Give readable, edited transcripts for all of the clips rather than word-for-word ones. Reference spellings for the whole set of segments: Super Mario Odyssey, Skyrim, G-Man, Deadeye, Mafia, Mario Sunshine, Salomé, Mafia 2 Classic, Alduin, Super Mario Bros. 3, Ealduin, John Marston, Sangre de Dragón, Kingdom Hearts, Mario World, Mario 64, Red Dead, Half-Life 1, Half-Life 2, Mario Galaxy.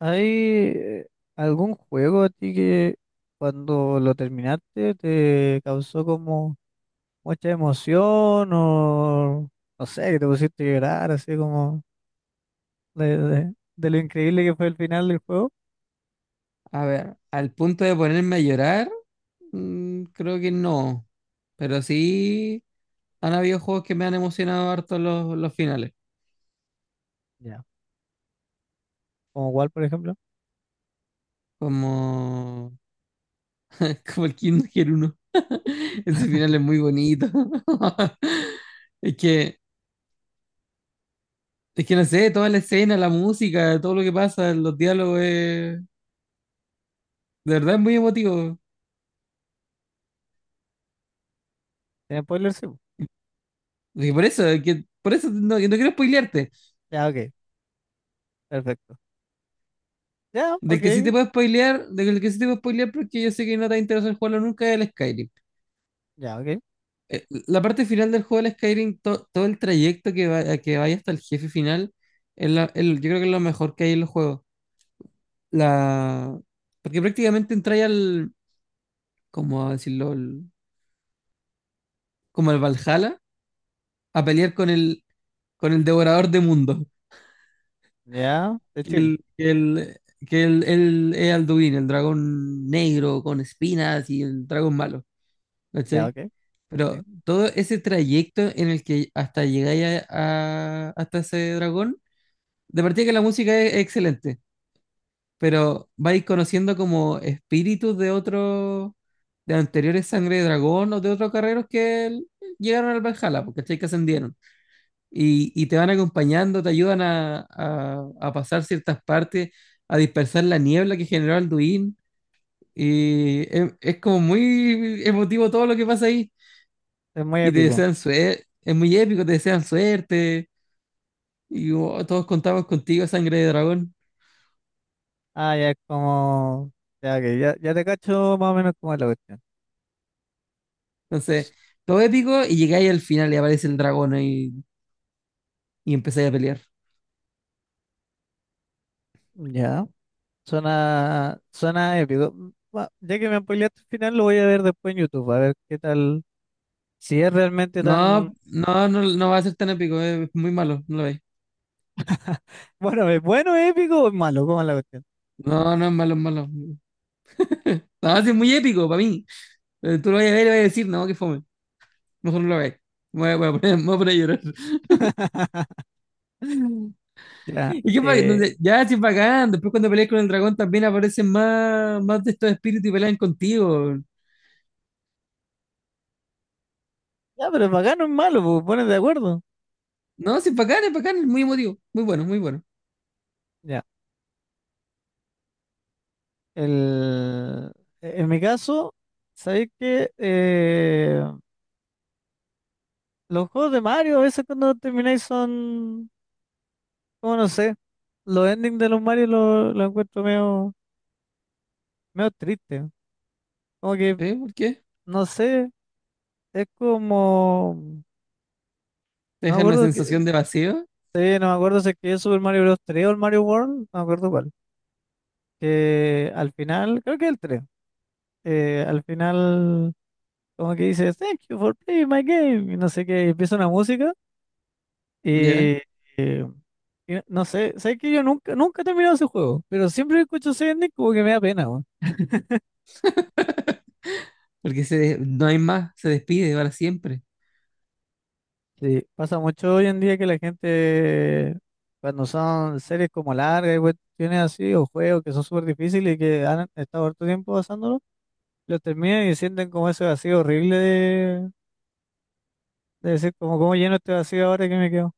¿Hay algún juego a ti que cuando lo terminaste te causó como mucha emoción o no sé, que te pusiste a llorar así como de lo increíble que fue el final del juego? A ver, al punto de ponerme a llorar, creo que no. Pero sí han habido juegos que me han emocionado harto los finales. Ya. ¿Como cuál, por ejemplo? Como, como el Kingdom Hearts 1. Ese final es muy bonito. Es que, es que no sé, toda la escena, la música, todo lo que pasa, los diálogos, de verdad es muy emotivo. ¿Tiene spoilers? Sí. Y por eso, por eso no quiero spoilearte. Ya, ok, perfecto. Ya, ok, Del que sí te puedo spoilear porque yo sé que no te va a interesar jugarlo nunca es el Skyrim. ya, ok. La parte final del juego del Skyrim, todo el trayecto que vaya hasta el jefe final, es yo creo que es lo mejor que hay en los juegos. La... Porque prácticamente entráis al, cómo decirlo, como al Valhalla, a pelear con el devorador de mundo, Ya, de que chill. el Ealduin, el dragón negro con espinas y el dragón malo, Ya, ¿cachai? ok, Pero sí. todo ese trayecto en el que hasta hasta ese dragón, de partida que la música es excelente, pero vais conociendo como espíritus de otros, de anteriores Sangre de Dragón o de otros carreros llegaron al Valhalla, porque que ascendieron. Y te van acompañando, te ayudan a pasar ciertas partes, a dispersar la niebla que generó Alduin. Y es como muy emotivo todo lo que pasa ahí. Es muy Y te épico. desean suerte, es muy épico, te desean suerte. Y oh, todos contamos contigo, Sangre de Dragón. Ah, ya es como... Ya, ok, ya, ya te cacho más o menos como es la cuestión. Entonces, todo épico y llegáis al final y aparece el dragón ahí y empezáis a pelear. Ya. Suena, suena épico. Va, ya que me spoileaste el final, lo voy a ver después en YouTube, a ver qué tal, si es realmente tan, No, no, no, no va a ser tan épico, es muy malo, no lo veis. Bueno, es épico o es malo, ¿cómo es la cuestión? No, no es malo, es malo. No, sí es muy épico para mí. Pero tú lo vas a ver y le vas a decir, no, que fome. Mejor no lo veis. Voy a poner, me voy a poner a llorar. Ya, Ya, sí, es bacán. Después cuando peleas con el dragón también aparecen más, más de estos espíritus y pelean contigo. ya, pero es bacano, es malo, pues pones de acuerdo. No, sí, es bacán, es bacán, es muy emotivo. Muy bueno, muy bueno. Ya, el, en mi caso, sabéis que los juegos de Mario a veces cuando termináis son, como no sé, los endings de los Mario los lo encuentro medio, medio triste. Como que, ¿Eh? ¿Por qué? no sé. Es como, Te no me deja una acuerdo que, sensación de sí, vacío. no me acuerdo si es que es Super Mario Bros. 3 o el Mario World, no me acuerdo cuál. Que al final, creo que el 3, al final como que dice, Thank you for playing my game, y no sé qué, y empieza una música y, Ya. eh, y no sé, sé que yo nunca, nunca he terminado ese juego, pero siempre que escucho ese ending como que me da pena, weón. Porque no hay más, se despide para siempre. Sí, pasa mucho hoy en día que la gente, cuando son series como largas y cuestiones así, o juegos que son súper difíciles y que han estado harto tiempo pasándolo, lo terminan y sienten como ese vacío horrible de decir como cómo lleno este vacío ahora que me quedo.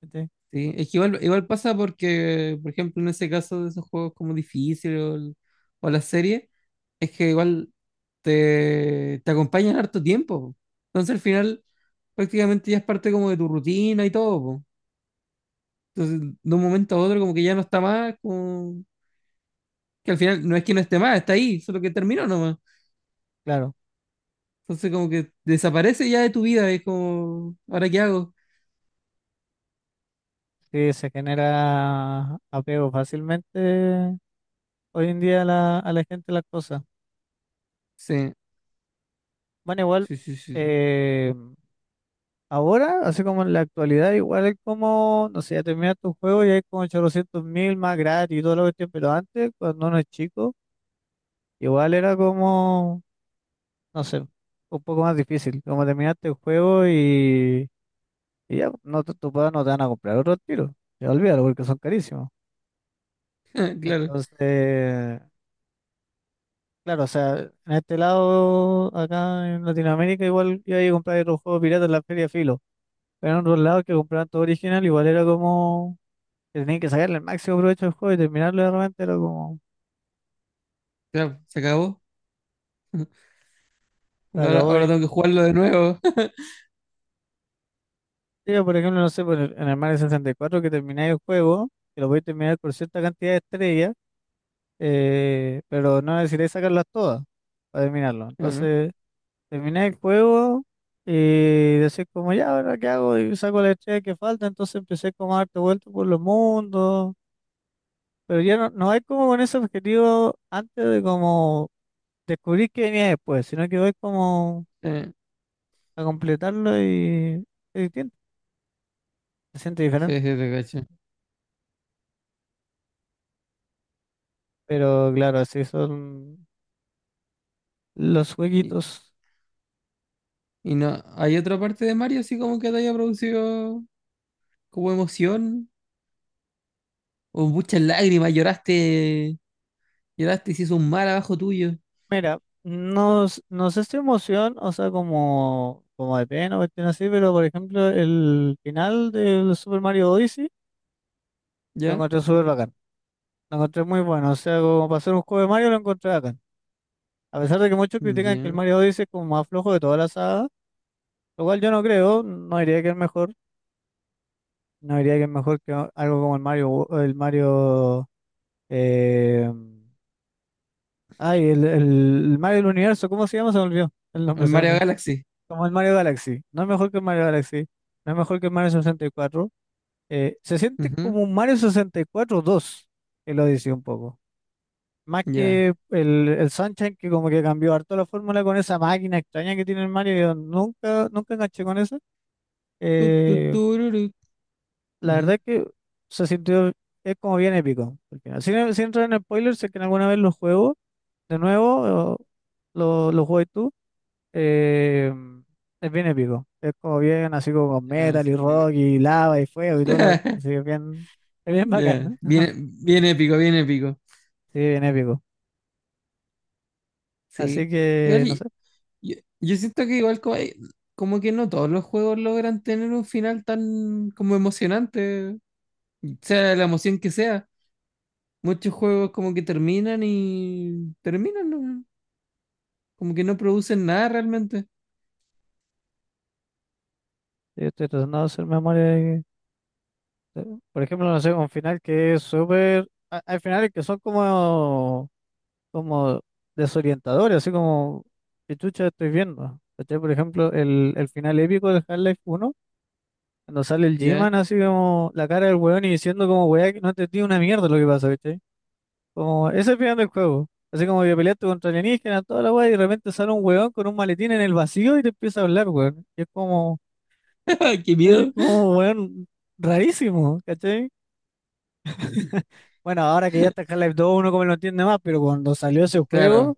¿Cachai? ¿Sí? Es que igual, igual pasa porque, por ejemplo, en ese caso de esos juegos como difícil o, o la serie, es que igual te acompañan harto tiempo po. Entonces al final prácticamente ya es parte como de tu rutina y todo po. Entonces de un momento a otro como que ya no está más, como que al final no es que no esté más, está ahí, solo que terminó nomás. Claro, Entonces como que desaparece ya de tu vida, es como, ¿ahora qué hago? sí se genera apego fácilmente hoy en día a la gente a las cosas. Sí, Bueno, igual sí, sí, sí. eh, ahora, así como en la actualidad, igual es como, no sé, ya terminas tu juego y hay como 800 mil más gratis y todo lo que tiene, pero antes, cuando uno es chico, igual era como, no sé, un poco más difícil, como terminaste el juego y ya, no, tus papás no te van a comprar otro tiro. Ya olvídalo porque son carísimos. Claro. Entonces, claro, o sea, en este lado, acá en Latinoamérica, igual iba a comprar otro juego pirata en la feria filo. Pero en otros lados que compraban todo original, igual era como que tenían que sacarle el máximo provecho al juego y terminarlo de repente era como Ya, se acabó. se Bueno, acabó. ahora Y, tengo que jugarlo de nuevo. tío, por ejemplo, no sé, en el Mario 64 que termináis el juego, que lo podéis terminar por cierta cantidad de estrellas, pero no necesitáis sacarlas todas para terminarlo. Claro. Entonces. Terminé el juego y decís como, ya, ¿ahora qué hago? Y saco la estrella que falta, entonces empecé como a darte vueltas por los mundos, pero ya no, no hay como con ese objetivo antes de como descubrir qué venía después, sino que voy como Eh, a completarlo y es distinto, se siente sí, diferente, sí, sí, te cacho. pero claro, así son los Y, jueguitos. y no, ¿hay otra parte de Mario así como que te haya producido como emoción? O muchas lágrimas, lloraste, lloraste y se hizo un mar abajo tuyo. Mira, no, no sé si emoción, o sea, como, como de pena o cuestión así, pero por ejemplo, el final del Super Mario Odyssey. Lo ¿Ya? encontré súper bacán. Lo encontré muy bueno. O sea, como para hacer un juego de Mario, lo encontré bacán. A pesar de que muchos critican que el Ya. Mario Odyssey es como más flojo de toda la saga, lo cual yo no creo. No diría que es mejor. No diría que es mejor que algo como el Mario. El Mario. eh, ay, el, el Mario del Universo. ¿Cómo se llama? Se me olvidó. El El nombre se me Mario fue. Galaxy. Como el Mario Galaxy. No es mejor que el Mario Galaxy. No es mejor que el Mario 64. Se siente Ujú. como un Mario 64 dos. El Odyssey un poco. Más Ya. que el Sunshine, que como que cambió harto la fórmula con esa máquina extraña que tiene el Mario, yo nunca, nunca enganché con eso. Tu, Eh, tururu. la Ujú. verdad es que se sintió, es como bien épico al final. Sin, sin entrar en spoilers, sé que alguna vez lo juego de nuevo, o lo juegas tú, eh, es bien épico. Es como bien, así como con Ya, metal sí, y te cacho. rock y lava y fuego y todo lo que... así que es bien bacán, Ya. ¿no? Bien, bien épico, bien épico. Sí, bien épico. Así Sí. que, Igual no sé, yo, yo siento que igual como que no todos los juegos logran tener un final tan como emocionante, sea la emoción que sea. Muchos juegos como que terminan y terminan, ¿no? Como que no producen nada realmente. yo estoy tratando de hacer memoria. Sí. Por ejemplo, no sé, un final que es súper... Hay finales que son como, como desorientadores, así como, ¿qué chucha estoy viendo? ¿Cachai? Por ejemplo, el final épico de Half-Life 1, cuando sale el ¿Ya? G-Man así como la cara del weón y diciendo como, weá, que no entendí una mierda lo que pasa, ¿cachai? Como, ese es el final del juego. Así como que peleaste contra alienígenas, toda la weá, y de repente sale un weón con un maletín en el vacío y te empieza a hablar, weón. Y ¡Qué es miedo! como, weón, rarísimo, ¿cachai? Bueno, ahora que ya está Half-Life 2, uno como lo entiende más, pero cuando salió ese Claro, juego,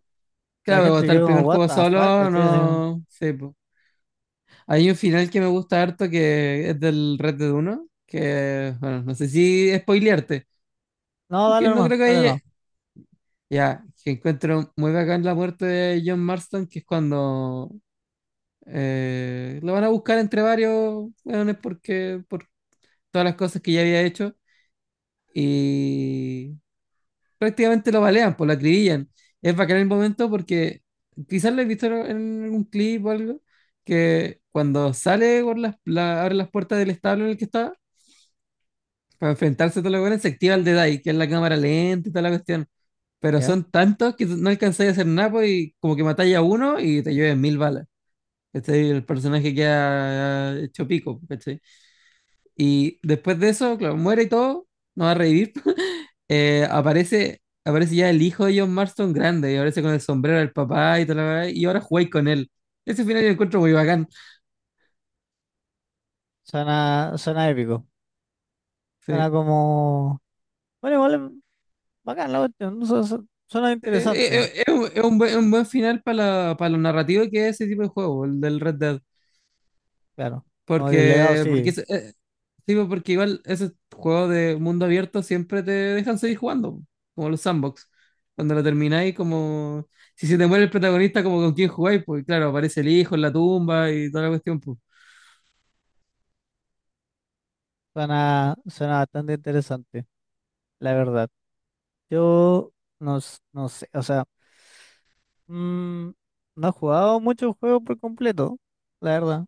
la claro, pero gente hasta el quedó como, primer what juego the fuck, solo, ¿cachai? Así, no sé po. Hay un final que me gusta harto que es del Red Dead 1, que, bueno, no sé si spoilearte, no, aunque dale no nomás, creo que dale haya. nomás. Ya, que encuentro muy bacán la muerte de John Marston, que es cuando lo van a buscar entre varios weones porque por todas las cosas que ya había hecho y prácticamente lo balean, pues lo acribillan. Es bacán el momento porque quizás lo he visto en algún clip o algo, que cuando sale por abre las puertas del establo en el que estaba para enfrentarse a todos los weones, se activa el Deadeye, que es la cámara lenta y toda la cuestión. Pero Ya, son tantos que no alcanzáis a hacer nada po, y como que matáis a uno y te lleves mil balas. ¿Cachai? El personaje queda ah, hecho pico, ¿cachai? Y después de eso, claro, muere y todo, no va a revivir. Aparece ya el hijo de John Marston grande y aparece con el sombrero del papá y tal, y ahora jugáis con él. Ese final yo lo encuentro muy bacán. suena, suena épico. Sí. Suena como, bueno, igual es bacán la cuestión, ¿no? Suena interesante, Es un buen final para para lo narrativo que es ese tipo de juego, el del Red Dead. claro. Como que el legado Porque, porque, sí, es- eh, sí, pues, porque igual esos juegos de mundo abierto siempre te dejan seguir jugando, como los sandbox. Cuando lo termináis, como si se te muere el protagonista, como con quién jugáis, pues claro, aparece el hijo en la tumba y toda la cuestión, pues. suena, suena bastante interesante, la verdad. Yo no, no sé, o sea, mm, no he jugado muchos juegos por completo, la verdad.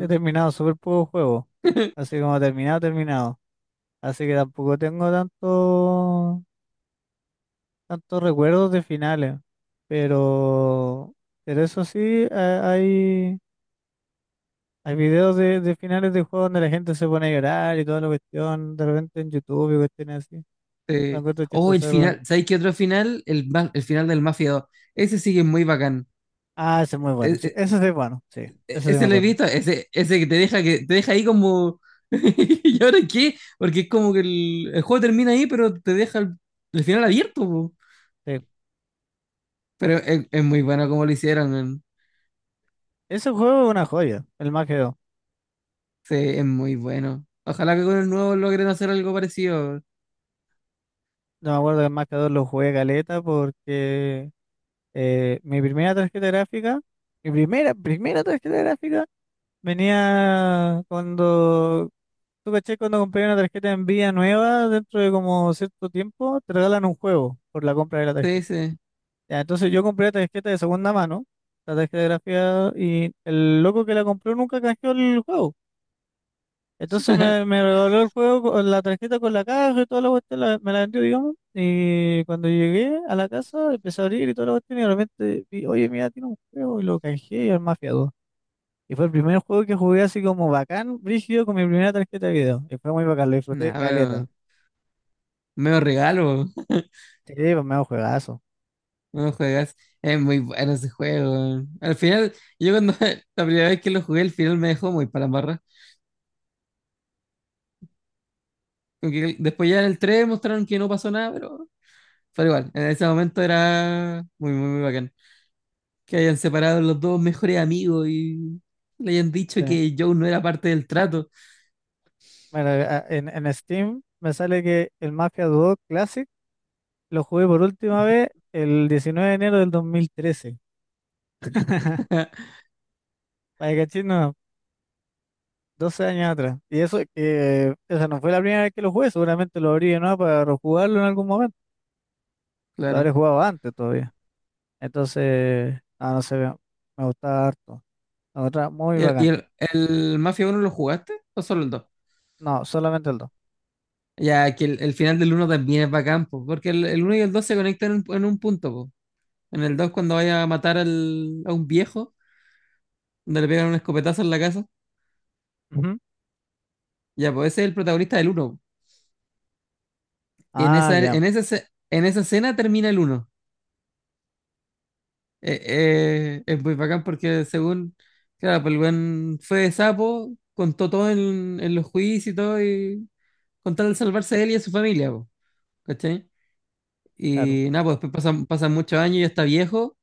He terminado súper pocos juegos. Así como terminado, terminado. Así que tampoco tengo tanto, tantos recuerdos de finales. Pero, pero eso sí, hay, hay videos de finales de juegos donde la gente se pone a llorar y toda la cuestión, de repente en YouTube y cuestiones así. Lo Eh, encuentro oh, el chistoso de repente. final, ¿sabéis qué otro final? El, el final del Mafia 2. Ese sí que es muy bacán. Ah, ese es muy bueno, E- sí. Ese sí es bueno, sí. Ese sí me Ese lo he acuerdo. visto, ese, ese que te deja ahí como. ¿Y ahora qué? Porque es como que el juego termina ahí, pero te deja el final abierto po. Sí. Pero es muy bueno como lo hicieron, man. Ese juego es una joya, el Mafia 2. Sí, es muy bueno. Ojalá que con el nuevo logren hacer algo parecido. Yo me acuerdo que el Mafia 2 lo jugué caleta porque mi primera tarjeta gráfica, mi primera, primera tarjeta gráfica venía cuando, tú caché, cuando compré una tarjeta en vía nueva, dentro de como cierto tiempo, te regalan un juego por la compra de la Sí, tarjeta. sí. Ya, entonces yo compré la tarjeta de segunda mano, la tarjeta gráfica, y el loco que la compró nunca canjeó el juego. Entonces me regaló el juego con la tarjeta con la caja y toda la cuestión, me la vendió, digamos. Y cuando llegué a la casa, empecé a abrir y toda la cuestión, y de repente vi, oye, mira, tiene un juego, y lo canjeé y el Mafia 2. Y fue el primer juego que jugué así como bacán, brígido, con mi primera tarjeta de video. Y fue muy bacán, lo disfruté caleta. Nada, medio regalo. Sí, pues me juegazo. No juegas. Es muy bueno ese juego weón. Al final, yo cuando la primera vez que lo jugué, el final me dejó muy para la barra. Como que después ya en el 3 mostraron que no pasó nada, pero igual, en ese momento era muy, muy, muy bacán. Que hayan separado los dos mejores amigos y le hayan dicho Sí. que Joe no era parte del trato. Bueno, en Steam me sale que el Mafia 2 Classic lo jugué por última vez el 19 de enero del 2013. Para que cachis, no, 12 años atrás. Y eso, esa no fue la primera vez que lo jugué, seguramente lo abrí no para rejugarlo en algún momento. Lo Claro. habré jugado antes todavía. Entonces, ah, no sé, me gustaba harto. La otra, muy ¿Y bacán. El Mafia 1 lo jugaste o solo el 2? No, solamente el dos. Ya que el final del uno también es bacán po, porque el 1 y el 2 se conectan en un punto po. En el 2 cuando vaya a a un viejo, donde le pegan un escopetazo en la casa, Ujú. ya pues ese es el protagonista del 1. Ah, ya, En esa escena termina el uno. Es muy bacán porque según, claro, pues el weón fue de sapo, contó todo en los juicios y todo, y con tal de salvarse a él y a su familia po, ¿cachai? claro. Y nada, pues después pasan muchos años, y ya está viejo,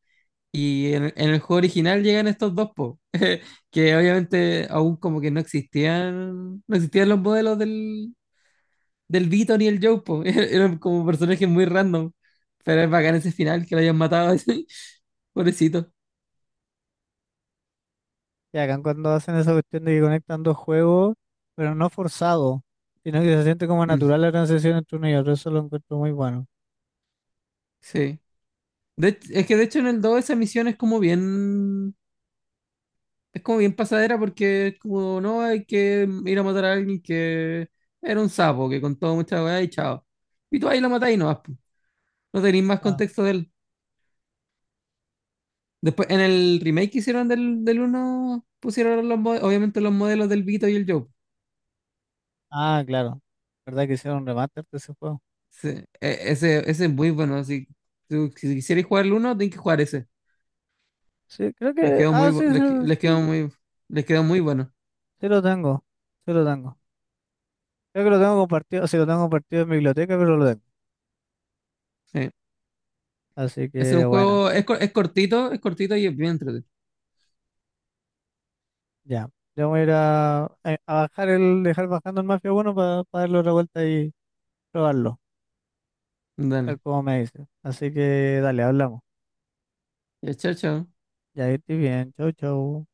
y en el juego original llegan estos dos po, que obviamente aún como que no existían, no existían los modelos del Vito ni el Joe po, eran como personajes muy random, pero es bacán ese final que lo hayan matado, así, pobrecito. Ya acá cuando hacen esa cuestión de que conectan dos juegos, pero no forzado, sino que se siente como Mm, natural la transición entre uno y otro, eso lo encuentro muy bueno. sí. Es que de hecho en el 2 esa misión es como bien pasadera porque es como, no, hay que ir a matar a alguien que era un sapo, que contó mucha weá y chao. Y tú ahí lo matás y no vas po. No tenéis más Ah, contexto de él. Después, en el remake que hicieron del uno pusieron los, obviamente los modelos del Vito y el Joe. ah, claro. ¿Verdad que hicieron un remaster de ese juego? Sí, ese, ese es muy bueno, así. Si quisierais jugar el uno tenéis que jugar ese. Sí, creo Les que. quedó muy, Ah, sí, les sí. quedó muy, les quedó muy bueno. Sí lo tengo, sí lo tengo. Creo que lo tengo compartido, sí lo tengo compartido en mi biblioteca, pero lo tengo. Sí. Así Es que un bueno, juego, es, es cortito y es bien entretenido. ya. Yo voy a ir a, a bajar el, dejar bajando el Mafia 1 para darle otra vuelta y probarlo, tal Dale. como me dice. Así que dale, hablamos. Ya, chao, chao. Ya estoy bien, chau, chau.